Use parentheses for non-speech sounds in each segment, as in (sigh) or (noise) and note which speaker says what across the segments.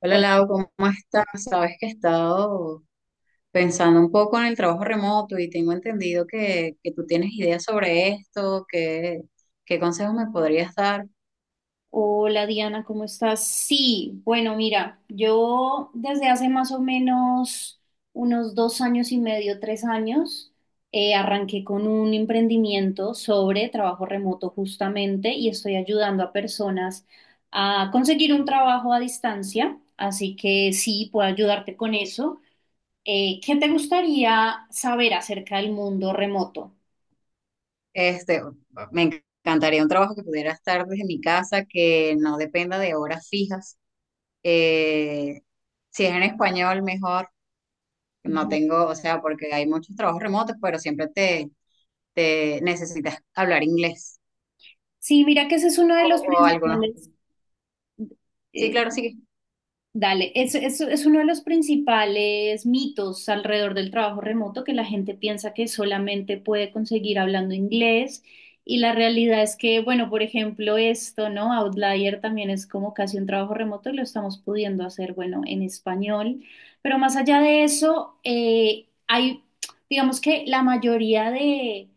Speaker 1: Hola
Speaker 2: Hola,
Speaker 1: Lau, ¿cómo estás? Sabes que he estado pensando un poco en el trabajo remoto y tengo entendido que tú tienes ideas sobre esto, que, qué consejos me podrías dar.
Speaker 2: hola, Diana, ¿cómo estás? Sí, bueno, mira, yo desde hace más o menos unos 2 años y medio, 3 años, arranqué con un emprendimiento sobre trabajo remoto justamente y estoy ayudando a personas a conseguir un trabajo a distancia, así que sí, puedo ayudarte con eso. ¿Qué te gustaría saber acerca del mundo remoto?
Speaker 1: Este, Me encantaría un trabajo que pudiera estar desde mi casa, que no dependa de horas fijas. Eh, si es en español, mejor. No
Speaker 2: Ujú.
Speaker 1: tengo, o sea, porque hay muchos trabajos remotos, pero te necesitas hablar inglés
Speaker 2: Sí, mira que ese es uno de los
Speaker 1: o, o algunos.
Speaker 2: principales
Speaker 1: Sí, claro,
Speaker 2: eh,
Speaker 1: sí.
Speaker 2: dale, es uno de los principales mitos alrededor del trabajo remoto, que la gente piensa que solamente puede conseguir hablando inglés. Y la realidad es que, bueno, por ejemplo, esto, ¿no? Outlier también es como casi un trabajo remoto y lo estamos pudiendo hacer, bueno, en español, pero más allá de eso, digamos que la mayoría de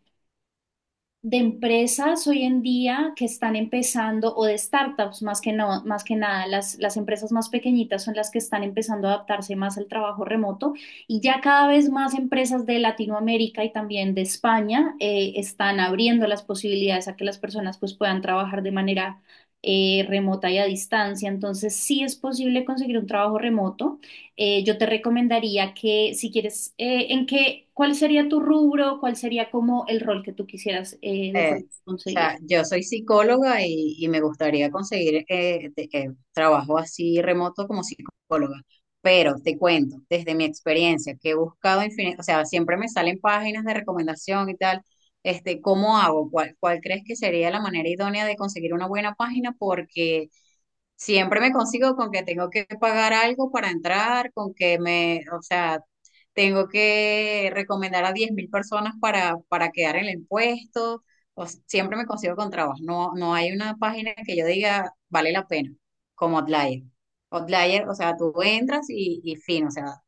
Speaker 2: empresas hoy en día que están empezando, o de startups, más que no, más que nada, las empresas más pequeñitas son las que están empezando a adaptarse más al trabajo remoto, y ya cada vez más empresas de Latinoamérica y también de España están abriendo las posibilidades a que las personas pues puedan trabajar de manera remota y a distancia. Entonces sí es posible conseguir un trabajo remoto. Eh, Yo te recomendaría que si quieres, ¿cuál sería tu rubro? ¿Cuál sería como el rol que tú quisieras de
Speaker 1: O
Speaker 2: pronto conseguir?
Speaker 1: sea, yo soy psicóloga y me gustaría conseguir trabajo así remoto como psicóloga. Pero te cuento, desde mi experiencia, que he buscado infinito, o sea, siempre me salen páginas de recomendación y tal. ¿Cómo hago? ¿Cuál crees que sería la manera idónea de conseguir una buena página? Porque siempre me consigo con que tengo que pagar algo para entrar, con que me, o sea, tengo que recomendar a 10.000 personas para quedar en el puesto. Siempre me consigo con trabas. No, no hay una página que yo diga vale la pena, como Outlier. Outlier, o sea, tú entras y fin. O sea,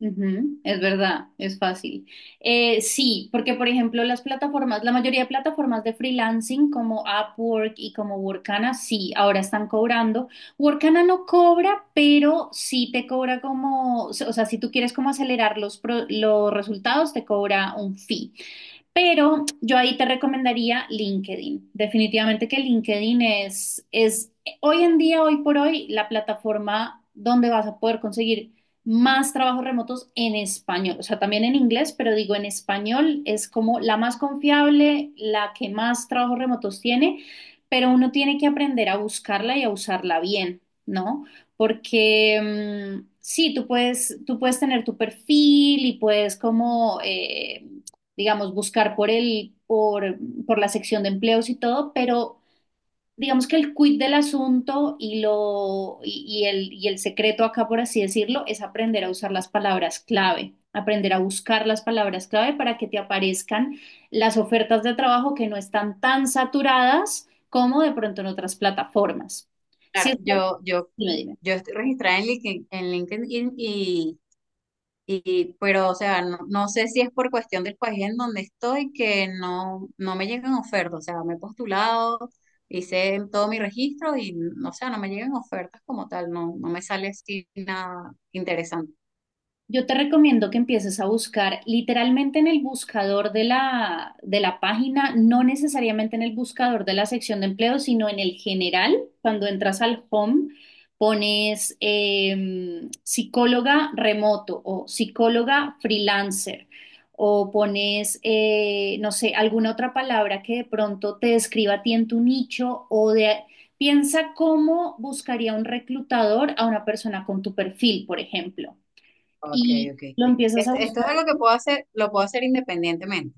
Speaker 2: Ujú, es verdad, es fácil. Sí, porque por ejemplo las plataformas, la mayoría de plataformas de freelancing como Upwork y como Workana, sí, ahora están cobrando. Workana no cobra, pero sí te cobra como, o sea, si tú quieres como acelerar los resultados, te cobra un fee. Pero yo ahí te recomendaría LinkedIn. Definitivamente que LinkedIn es hoy en día, hoy por hoy, la plataforma donde vas a poder conseguir más trabajos remotos en español. O sea, también en inglés, pero digo, en español es como la más confiable, la que más trabajos remotos tiene, pero uno tiene que aprender a buscarla y a usarla bien, ¿no? Porque sí, tú puedes tener tu perfil y puedes como... digamos, buscar por la sección de empleos y todo, pero digamos que el quid del asunto, y lo, y el secreto acá, por así decirlo, es aprender a usar las palabras clave, aprender a buscar las palabras clave para que te aparezcan las ofertas de trabajo que no están tan saturadas como de pronto en otras plataformas. Si
Speaker 1: claro,
Speaker 2: esto- Dime, dime.
Speaker 1: yo estoy registrada en LinkedIn, en LinkedIn. Y pero, o sea, no, no sé si es por cuestión del país en donde estoy que no me llegan ofertas. O sea, me he postulado, hice todo mi registro y, o sea, no me llegan ofertas como tal. No, no me sale así nada interesante.
Speaker 2: Yo te recomiendo que empieces a buscar literalmente en el buscador de la página, no necesariamente en el buscador de la sección de empleo, sino en el general. Cuando entras al home, pones psicóloga remoto o psicóloga freelancer, o pones, no sé, alguna otra palabra que de pronto te describa a ti en tu nicho o de... Piensa cómo buscaría un reclutador a una persona con tu perfil, por ejemplo,
Speaker 1: Ok,
Speaker 2: y
Speaker 1: ok.
Speaker 2: lo empiezas a
Speaker 1: Esto es
Speaker 2: buscar.
Speaker 1: algo que puedo hacer, lo puedo hacer independientemente.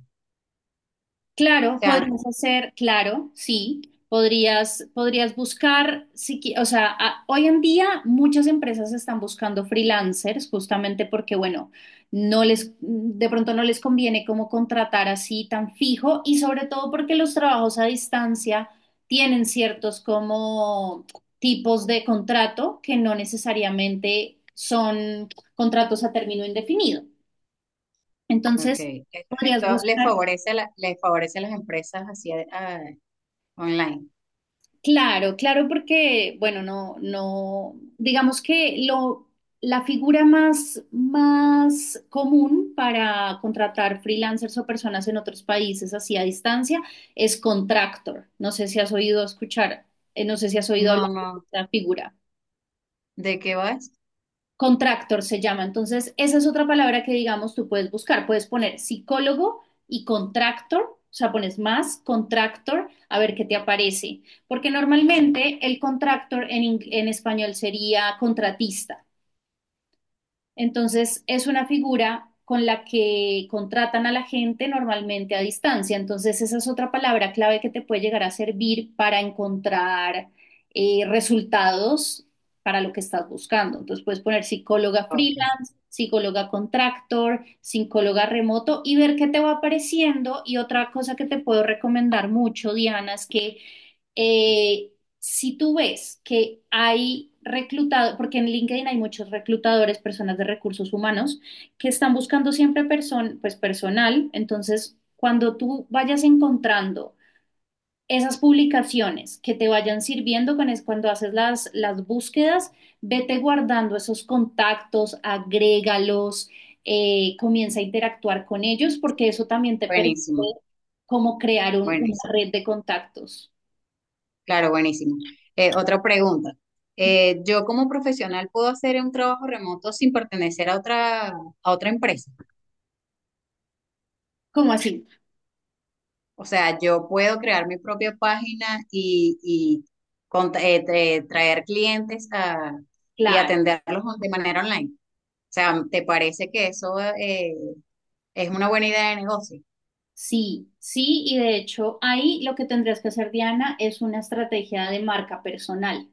Speaker 1: O
Speaker 2: Claro,
Speaker 1: sea,
Speaker 2: podrías hacer, claro, sí, podrías, podrías buscar, si qui- o sea, hoy en día muchas empresas están buscando freelancers justamente porque, bueno, de pronto no les conviene como contratar así tan fijo, y sobre todo porque los trabajos a distancia tienen ciertos como tipos de contrato que no necesariamente son contratos a término indefinido.
Speaker 1: ok,
Speaker 2: Entonces, podrías
Speaker 1: esto le
Speaker 2: buscar.
Speaker 1: favorece le favorece a las empresas así ah, online.
Speaker 2: Claro, claro, porque, bueno, no, no, digamos que lo, la figura más común para contratar freelancers o personas en otros países así a distancia es contractor. No sé si has oído escuchar, no sé si has oído
Speaker 1: No,
Speaker 2: hablar de
Speaker 1: no.
Speaker 2: esta figura.
Speaker 1: ¿De qué vas?
Speaker 2: Contractor se llama. Entonces, esa es otra palabra que, digamos, tú puedes buscar. Puedes poner psicólogo y contractor, o sea, pones más contractor a ver qué te aparece. Porque normalmente el contractor en, en español sería contratista. Entonces, es una figura con la que contratan a la gente normalmente a distancia. Entonces, esa es otra palabra clave que te puede llegar a servir para encontrar resultados para lo que estás buscando. Entonces, puedes poner psicóloga
Speaker 1: Ok.
Speaker 2: freelance, psicóloga contractor, psicóloga remoto, y ver qué te va apareciendo. Y otra cosa que te puedo recomendar mucho, Diana, es que eh, si tú ves que hay reclutado, porque en LinkedIn hay muchos reclutadores, personas de recursos humanos, que están buscando siempre pues, personal, entonces cuando tú vayas encontrando esas publicaciones que te vayan sirviendo con es cuando haces las búsquedas, vete guardando esos contactos, agrégalos, comienza a interactuar con ellos, porque eso también te permite
Speaker 1: Buenísimo,
Speaker 2: como crear una
Speaker 1: buenísimo.
Speaker 2: red de contactos.
Speaker 1: Claro, buenísimo. Otra pregunta. ¿Yo como profesional puedo hacer un trabajo remoto sin pertenecer a otra empresa?
Speaker 2: ¿Cómo así?
Speaker 1: O sea, yo puedo crear mi propia página y traer clientes y
Speaker 2: Claro,
Speaker 1: atenderlos de manera online. O sea, ¿te parece que eso es una buena idea de negocio?
Speaker 2: sí, sí, y de hecho ahí lo que tendrías que hacer, Diana, es una estrategia de marca personal.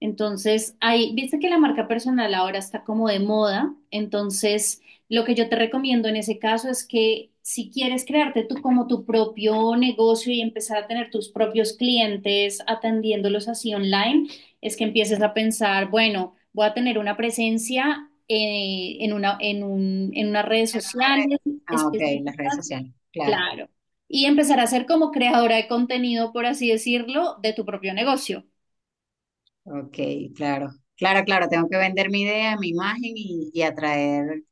Speaker 2: Entonces, ahí, viste que la marca personal ahora está como de moda, entonces lo que yo te recomiendo en ese caso es que si quieres crearte tú como tu propio negocio y empezar a tener tus propios clientes atendiéndolos así online, es que empieces a pensar, bueno, voy a tener una presencia en unas redes
Speaker 1: Una red.
Speaker 2: sociales
Speaker 1: Ah, ok, las redes
Speaker 2: específicas.
Speaker 1: sociales, claro,
Speaker 2: Claro. Y empezar a ser como creadora de contenido, por así decirlo, de tu propio negocio.
Speaker 1: ok, claro, claro, claro, tengo que vender mi idea, mi imagen y atraer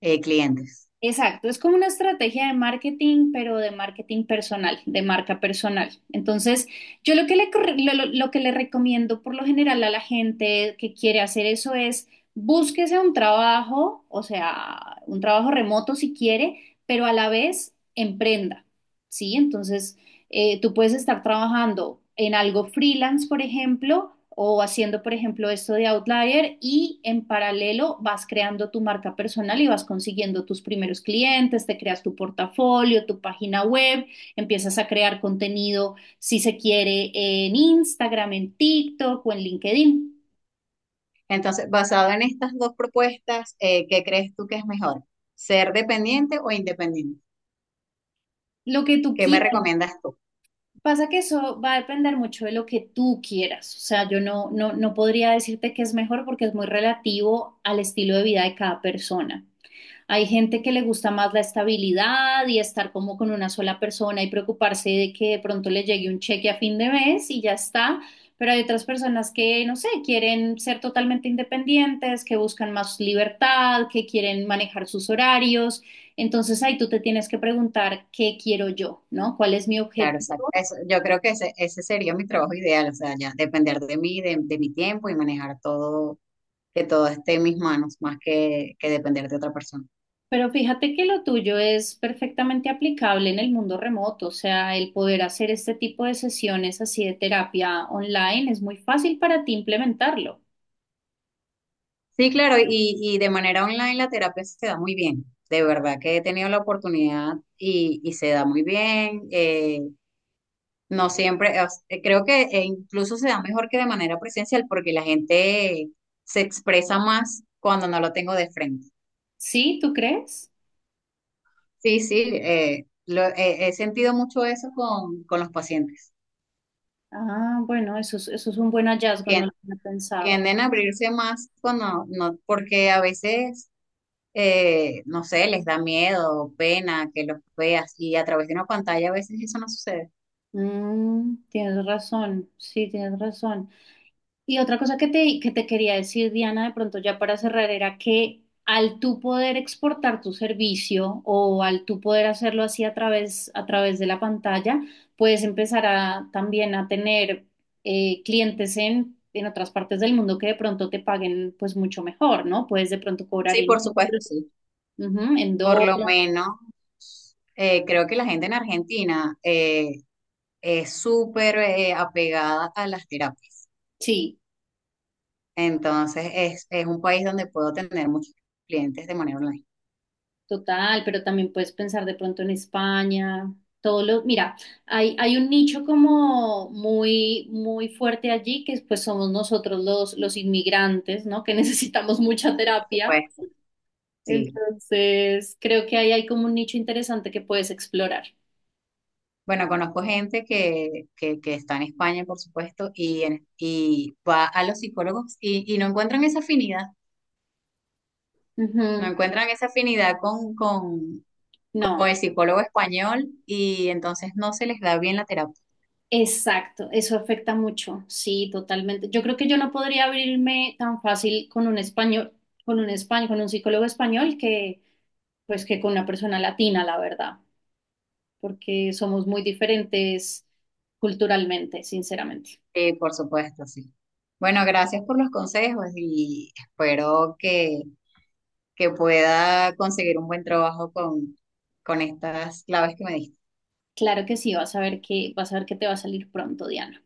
Speaker 1: clientes.
Speaker 2: Exacto, es como una estrategia de marketing, pero de marketing personal, de marca personal. Entonces, yo lo que le, corre- lo que le recomiendo por lo general a la gente que quiere hacer eso es: búsquese un trabajo, o sea, un trabajo remoto si quiere, pero a la vez emprenda, ¿sí? Entonces... tú puedes estar trabajando en algo freelance, por ejemplo, o haciendo, por ejemplo, esto de Outlier, y en paralelo vas creando tu marca personal y vas consiguiendo tus primeros clientes, te creas tu portafolio, tu página web, empiezas a crear contenido, si se quiere, en Instagram, en TikTok o en LinkedIn,
Speaker 1: Entonces, basado en estas dos propuestas, ¿qué crees tú que es mejor? ¿Ser dependiente o independiente?
Speaker 2: lo que tú
Speaker 1: ¿Qué me
Speaker 2: quieras.
Speaker 1: recomiendas tú?
Speaker 2: Pasa que eso va a depender mucho de lo que tú quieras. O sea, yo no, no, no podría decirte que es mejor porque es muy relativo al estilo de vida de cada persona. Hay gente que le gusta más la estabilidad y estar como con una sola persona y preocuparse de que de pronto le llegue un cheque a fin de mes y ya está. Pero hay otras personas que, no sé, quieren ser totalmente independientes, que buscan más libertad, que quieren manejar sus horarios. Entonces ahí tú te tienes que preguntar qué quiero yo, ¿no? ¿Cuál es mi
Speaker 1: Claro,
Speaker 2: objetivo?
Speaker 1: exacto. Eso, yo creo que ese sería mi trabajo ideal, o sea, ya depender de mí, de mi tiempo y manejar todo, que todo esté en mis manos, más que depender de otra persona.
Speaker 2: Pero fíjate que lo tuyo es perfectamente aplicable en el mundo remoto, o sea, el poder hacer este tipo de sesiones así de terapia online es muy fácil para ti implementarlo.
Speaker 1: Sí, claro, y de manera online la terapia se da muy bien. De verdad que he tenido la oportunidad y se da muy bien. No siempre, creo que incluso se da mejor que de manera presencial porque la gente se expresa más cuando no lo tengo de frente.
Speaker 2: ¿Sí? ¿Tú crees?
Speaker 1: Sí, sí, he sentido mucho eso con los pacientes.
Speaker 2: Ah, bueno, eso es un buen hallazgo, no
Speaker 1: Tien-
Speaker 2: lo había pensado.
Speaker 1: Tienden a abrirse más cuando no, porque a veces, no sé, les da miedo, pena que los veas y a través de una pantalla a veces eso no sucede.
Speaker 2: Tienes razón, sí, tienes razón. Y otra cosa que te quería decir, Diana, de pronto ya para cerrar, era que al tú poder exportar tu servicio, o al tú poder hacerlo así a través, de la pantalla, puedes empezar a, también a tener clientes en, otras partes del mundo que de pronto te paguen pues mucho mejor, ¿no? Puedes de pronto cobrar
Speaker 1: Sí,
Speaker 2: en
Speaker 1: por supuesto,
Speaker 2: euros,
Speaker 1: sí.
Speaker 2: ujú, en
Speaker 1: Por lo
Speaker 2: dólares.
Speaker 1: menos creo que la gente en Argentina, es súper apegada a las terapias.
Speaker 2: Sí.
Speaker 1: Entonces, es un país donde puedo tener muchos clientes de manera online.
Speaker 2: Total, pero también puedes pensar de pronto en España, todo lo, mira, hay un nicho como muy, muy fuerte allí, que pues somos nosotros los inmigrantes, ¿no? Que (laughs) necesitamos mucha
Speaker 1: Sí, por
Speaker 2: terapia.
Speaker 1: supuesto. Sí.
Speaker 2: Entonces, creo que ahí hay como un nicho interesante que puedes explorar.
Speaker 1: Bueno, conozco gente que está en España, por supuesto, y, y va a los psicólogos y no encuentran esa afinidad. No
Speaker 2: Ujú.
Speaker 1: encuentran esa afinidad
Speaker 2: No.
Speaker 1: con el psicólogo español y entonces no se les da bien la terapia.
Speaker 2: Exacto, eso afecta mucho, sí, totalmente. Yo creo que yo no podría abrirme tan fácil con un español, con un psicólogo español, que, pues, que con una persona latina, la verdad, porque somos muy diferentes culturalmente, sinceramente.
Speaker 1: Por supuesto, sí. Bueno, gracias por los consejos y espero que pueda conseguir un buen trabajo con estas claves que me diste.
Speaker 2: Claro que sí, vas a ver que te va a salir pronto, Diana.